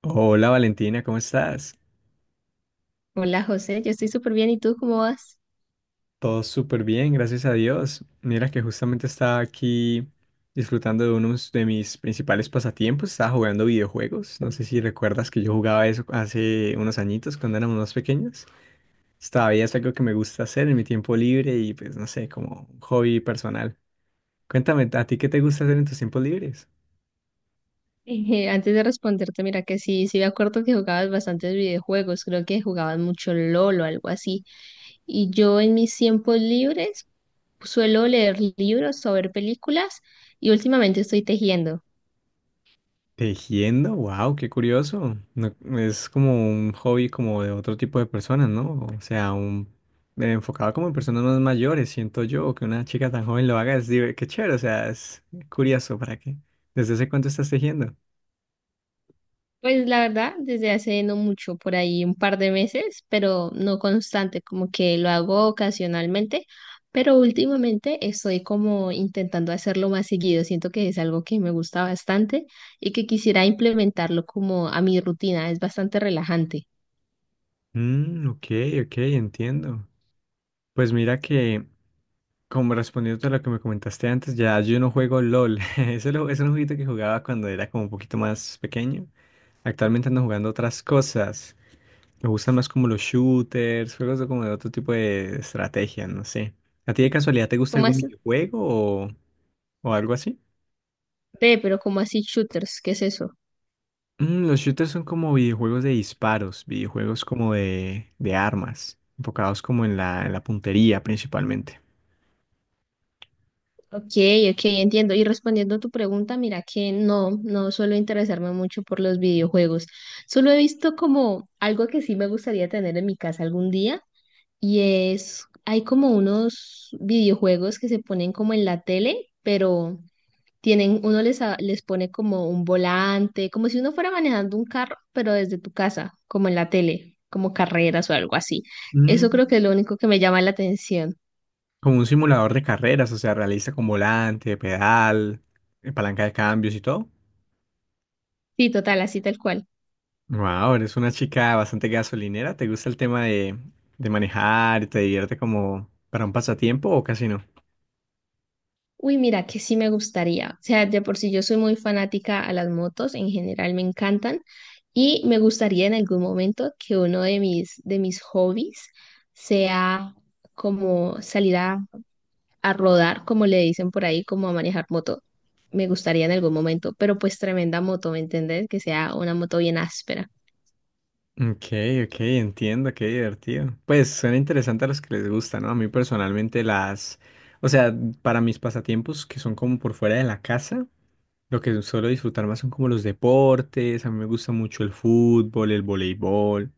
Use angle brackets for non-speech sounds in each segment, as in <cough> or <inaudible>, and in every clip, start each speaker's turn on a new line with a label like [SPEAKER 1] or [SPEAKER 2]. [SPEAKER 1] Hola Valentina, ¿cómo estás?
[SPEAKER 2] Hola José, yo estoy súper bien. ¿Y tú cómo vas? <laughs>
[SPEAKER 1] Todo súper bien, gracias a Dios. Mira que justamente estaba aquí disfrutando de uno de mis principales pasatiempos, estaba jugando videojuegos. No sé si recuerdas que yo jugaba eso hace unos añitos cuando éramos más pequeños. Todavía es algo que me gusta hacer en mi tiempo libre y pues no sé, como un hobby personal. Cuéntame, ¿a ti qué te gusta hacer en tus tiempos libres?
[SPEAKER 2] Antes de responderte, mira que sí, me acuerdo que jugabas bastantes videojuegos. Creo que jugabas mucho LOL o algo así. Y yo en mis tiempos libres suelo leer libros o ver películas y últimamente estoy tejiendo.
[SPEAKER 1] Tejiendo, wow, qué curioso. Es como un hobby como de otro tipo de personas, ¿no? O sea, un enfocado como en personas más mayores, siento yo, que una chica tan joven lo haga es qué chévere, o sea, es curioso, ¿para qué? ¿Desde hace cuánto estás tejiendo?
[SPEAKER 2] Pues la verdad, desde hace no mucho, por ahí un par de meses, pero no constante, como que lo hago ocasionalmente, pero últimamente estoy como intentando hacerlo más seguido. Siento que es algo que me gusta bastante y que quisiera implementarlo como a mi rutina. Es bastante relajante.
[SPEAKER 1] Mm, ok, ok, entiendo. Pues mira que, como respondiendo a lo que me comentaste antes, ya yo no juego LOL. <laughs> Ese es un jueguito que jugaba cuando era como un poquito más pequeño. Actualmente ando jugando otras cosas. Me gustan más como los shooters, juegos de como de otro tipo de estrategia, no sé. ¿A ti de casualidad te gusta
[SPEAKER 2] ¿Cómo
[SPEAKER 1] algún
[SPEAKER 2] así?
[SPEAKER 1] videojuego o, o algo así?
[SPEAKER 2] Ve, pero ¿cómo así shooters? ¿Qué es eso?
[SPEAKER 1] Los shooters son como videojuegos de disparos, videojuegos como de armas, enfocados como en la puntería principalmente.
[SPEAKER 2] Ok, ok, entiendo. Y respondiendo a tu pregunta, mira que no, no suelo interesarme mucho por los videojuegos. Solo he visto como algo que sí me gustaría tener en mi casa algún día y es, hay como unos videojuegos que se ponen como en la tele, pero tienen, uno les, les pone como un volante, como si uno fuera manejando un carro, pero desde tu casa, como en la tele, como carreras o algo así.
[SPEAKER 1] Mm.
[SPEAKER 2] Eso creo que es lo único que me llama la atención.
[SPEAKER 1] Como un simulador de carreras, o sea, realista con volante, pedal, palanca de cambios y todo.
[SPEAKER 2] Sí, total, así tal cual.
[SPEAKER 1] Wow, eres una chica bastante gasolinera. ¿Te gusta el tema de manejar y te divierte como para un pasatiempo o casi no?
[SPEAKER 2] Uy, mira, que sí me gustaría. O sea, de por sí yo soy muy fanática a las motos, en general me encantan y me gustaría en algún momento que uno de de mis hobbies sea como salir a rodar, como le dicen por ahí, como a manejar moto. Me gustaría en algún momento, pero pues tremenda moto, ¿me entendés? Que sea una moto bien áspera.
[SPEAKER 1] Ok, ok, entiendo, qué divertido. Pues suena interesante a los que les gusta, ¿no? A mí personalmente o sea, para mis pasatiempos que son como por fuera de la casa, lo que suelo disfrutar más son como los deportes, a mí me gusta mucho el fútbol, el voleibol,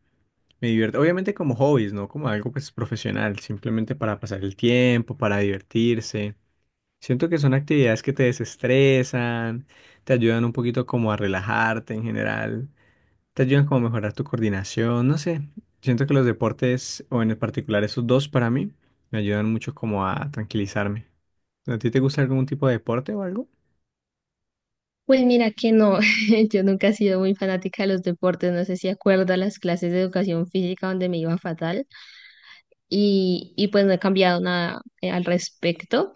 [SPEAKER 1] me divierte, obviamente como hobbies, ¿no? Como algo pues profesional, simplemente para pasar el tiempo, para divertirse. Siento que son actividades que te desestresan, te ayudan un poquito como a relajarte en general, te ayudan como a mejorar tu coordinación, no sé. Siento que los deportes, o en particular esos dos para mí, me ayudan mucho como a tranquilizarme. ¿A ti te gusta algún tipo de deporte o algo?
[SPEAKER 2] Pues mira que no, <laughs> yo nunca he sido muy fanática de los deportes, no sé si acuerdas las clases de educación física donde me iba fatal. Y pues no he cambiado nada al respecto,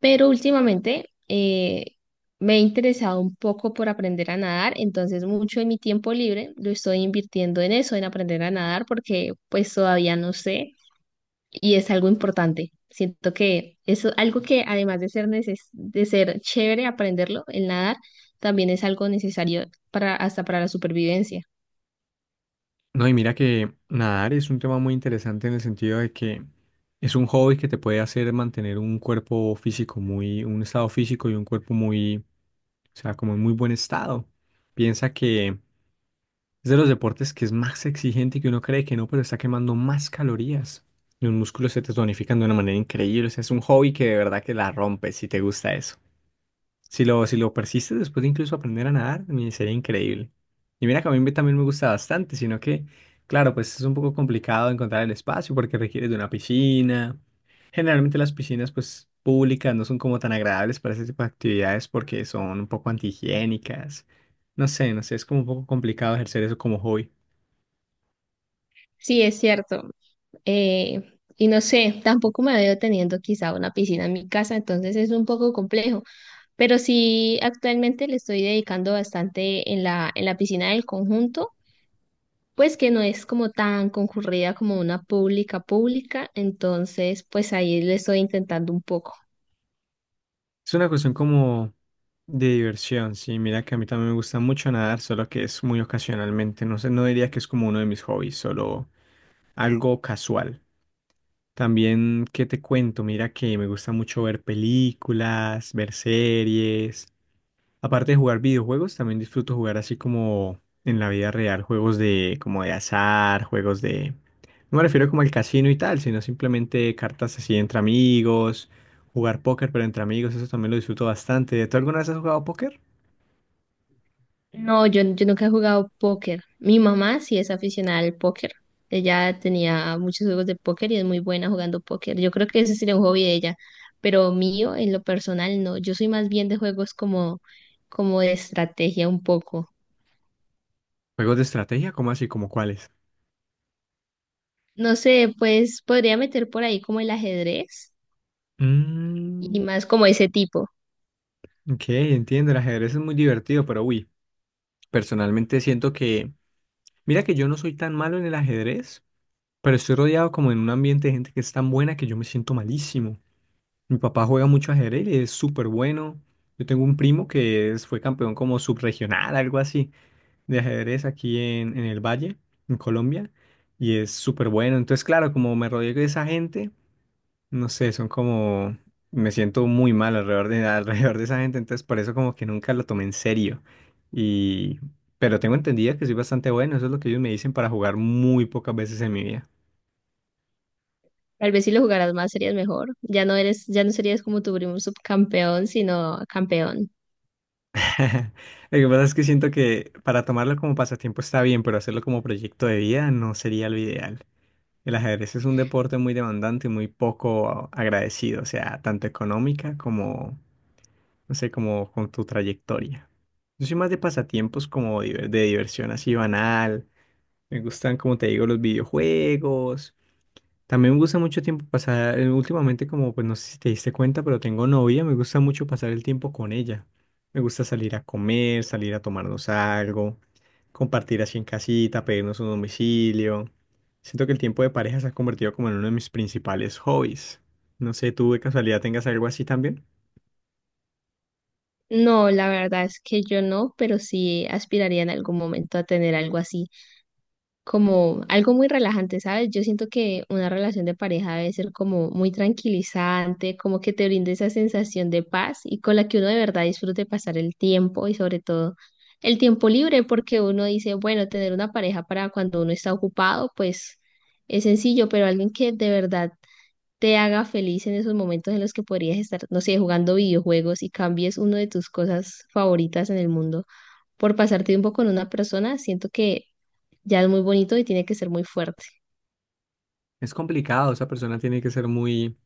[SPEAKER 2] pero últimamente me he interesado un poco por aprender a nadar, entonces mucho de mi tiempo libre lo estoy invirtiendo en eso, en aprender a nadar, porque pues todavía no sé y es algo importante. Siento que es algo que además de ser, de ser chévere aprenderlo, el nadar, también es algo necesario para, hasta para la supervivencia.
[SPEAKER 1] No, y mira que nadar es un tema muy interesante en el sentido de que es un hobby que te puede hacer mantener un cuerpo físico muy, un estado físico y un cuerpo muy, o sea, como en muy buen estado. Piensa que es de los deportes que es más exigente y que uno cree que no, pero está quemando más calorías. Y un músculo se te tonifica de una manera increíble. O sea, es un hobby que de verdad que la rompes si te gusta eso. Si lo persistes después de incluso aprender a nadar, me sería increíble. Y mira que también me gusta bastante, sino que, claro, pues es un poco complicado encontrar el espacio porque requiere de una piscina. Generalmente las piscinas, pues, públicas no son como tan agradables para ese tipo de actividades porque son un poco antihigiénicas. No sé, es como un poco complicado ejercer eso como hobby.
[SPEAKER 2] Sí, es cierto. Eh, y no sé, tampoco me veo teniendo quizá una piscina en mi casa, entonces es un poco complejo, pero sí actualmente le estoy dedicando bastante en en la piscina del conjunto, pues que no es como tan concurrida como una pública pública, entonces pues ahí le estoy intentando un poco.
[SPEAKER 1] Es una cuestión como de diversión, sí. Mira que a mí también me gusta mucho nadar, solo que es muy ocasionalmente. No sé, no diría que es como uno de mis hobbies, solo algo casual. También, ¿qué te cuento? Mira que me gusta mucho ver películas, ver series. Aparte de jugar videojuegos, también disfruto jugar así como en la vida real, juegos de como de azar, No me refiero como al casino y tal, sino simplemente cartas así entre amigos, jugar póker pero entre amigos, eso también lo disfruto bastante. ¿Tú alguna vez has jugado póker?
[SPEAKER 2] No, yo nunca he jugado póker. Mi mamá sí es aficionada al póker. Ella tenía muchos juegos de póker y es muy buena jugando póker. Yo creo que ese sería un hobby de ella, pero mío, en lo personal, no. Yo soy más bien de juegos como, como de estrategia un poco.
[SPEAKER 1] ¿Juegos de estrategia? ¿Cómo así? ¿Como cuáles?
[SPEAKER 2] No sé, pues podría meter por ahí como el ajedrez y
[SPEAKER 1] Mm,
[SPEAKER 2] más como ese tipo.
[SPEAKER 1] ok, entiendo, el ajedrez es muy divertido, pero uy, personalmente siento que. Mira que yo no soy tan malo en el ajedrez, pero estoy rodeado como en un ambiente de gente que es tan buena que yo me siento malísimo. Mi papá juega mucho ajedrez y es súper bueno. Yo tengo un primo que fue campeón como subregional, algo así, de ajedrez aquí en el Valle, en Colombia, y es súper bueno. Entonces, claro, como me rodeo de esa gente, no sé, son como, me siento muy mal alrededor de, <laughs> alrededor de esa gente, entonces por eso como que nunca lo tomé en serio. Y, pero tengo entendido que soy bastante bueno, eso es lo que ellos me dicen para jugar muy pocas veces en mi vida.
[SPEAKER 2] Tal vez si lo jugaras más serías mejor. Ya no eres, ya no serías como tu primo subcampeón, sino campeón.
[SPEAKER 1] <laughs> Lo que pasa es que siento que para tomarlo como pasatiempo está bien, pero hacerlo como proyecto de vida no sería lo ideal. El ajedrez es un deporte muy demandante y muy poco agradecido, o sea, tanto económica como, no sé, como con tu trayectoria. Yo soy más de pasatiempos como de diversión así banal. Me gustan, como te digo, los videojuegos. También me gusta mucho tiempo pasar, últimamente como, pues no sé si te diste cuenta, pero tengo novia, me gusta mucho pasar el tiempo con ella. Me gusta salir a comer, salir a tomarnos algo, compartir así en casita, pedirnos un domicilio. Siento que el tiempo de pareja se ha convertido como en uno de mis principales hobbies. No sé, ¿tú de casualidad tengas algo así también?
[SPEAKER 2] No, la verdad es que yo no, pero sí aspiraría en algún momento a tener algo así, como algo muy relajante, ¿sabes? Yo siento que una relación de pareja debe ser como muy tranquilizante, como que te brinde esa sensación de paz y con la que uno de verdad disfrute pasar el tiempo y sobre todo el tiempo libre, porque uno dice, bueno, tener una pareja para cuando uno está ocupado, pues es sencillo, pero alguien que de verdad te haga feliz en esos momentos en los que podrías estar, no sé, jugando videojuegos y cambies uno de tus cosas favoritas en el mundo por pasar tiempo con una persona, siento que ya es muy bonito y tiene que ser muy fuerte.
[SPEAKER 1] Es complicado, esa persona tiene que ser muy,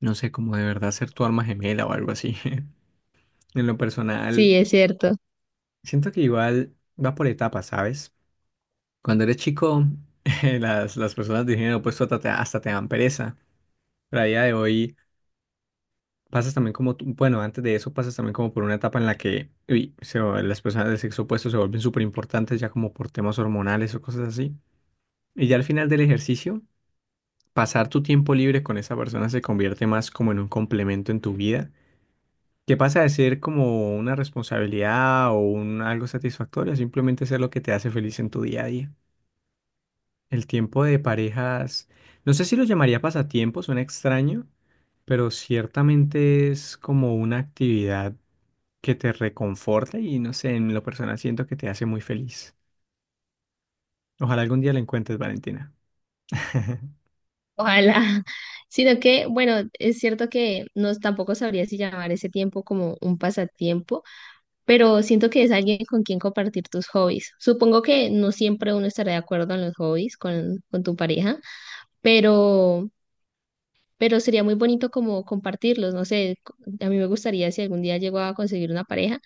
[SPEAKER 1] no sé, como de verdad ser tu alma gemela o algo así. <laughs> En lo personal,
[SPEAKER 2] Sí, es cierto.
[SPEAKER 1] siento que igual va por etapas, ¿sabes? Cuando eres chico, <laughs> las personas de género opuesto hasta te dan pereza. Pero a día de hoy pasas también como, bueno, antes de eso pasas también como por una etapa en la que uy, las personas del sexo opuesto se vuelven súper importantes ya como por temas hormonales o cosas así. Y ya al final del ejercicio, pasar tu tiempo libre con esa persona se convierte más como en un complemento en tu vida, que pasa de ser como una responsabilidad o un algo satisfactorio, a simplemente ser lo que te hace feliz en tu día a día. El tiempo de parejas, no sé si lo llamaría pasatiempo, suena extraño, pero ciertamente es como una actividad que te reconforta y no sé, en lo personal siento que te hace muy feliz. Ojalá algún día la encuentres, Valentina. <laughs>
[SPEAKER 2] Ojalá. <laughs> Sino que, bueno, es cierto que no tampoco sabría si llamar ese tiempo como un pasatiempo, pero siento que es alguien con quien compartir tus hobbies. Supongo que no siempre uno estará de acuerdo en los hobbies con tu pareja, pero pero sería muy bonito como compartirlos, no sé, a mí me gustaría si algún día llego a conseguir una pareja,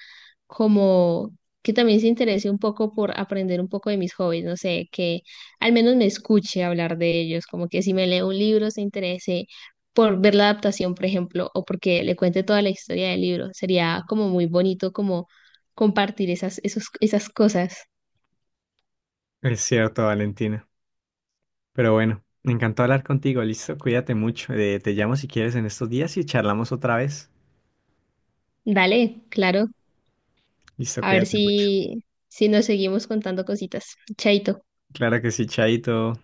[SPEAKER 2] como que también se interese un poco por aprender un poco de mis hobbies, no sé, que al menos me escuche hablar de ellos, como que si me lee un libro se interese por ver la adaptación, por ejemplo, o porque le cuente toda la historia del libro, sería como muy bonito como compartir esas, esos, esas cosas.
[SPEAKER 1] Es cierto, Valentina. Pero bueno, me encantó hablar contigo, listo, cuídate mucho. Te llamo si quieres en estos días y charlamos otra vez.
[SPEAKER 2] Dale, claro,
[SPEAKER 1] Listo,
[SPEAKER 2] a ver
[SPEAKER 1] cuídate mucho.
[SPEAKER 2] si, si nos seguimos contando cositas. Chaito.
[SPEAKER 1] Claro que sí, Chaito.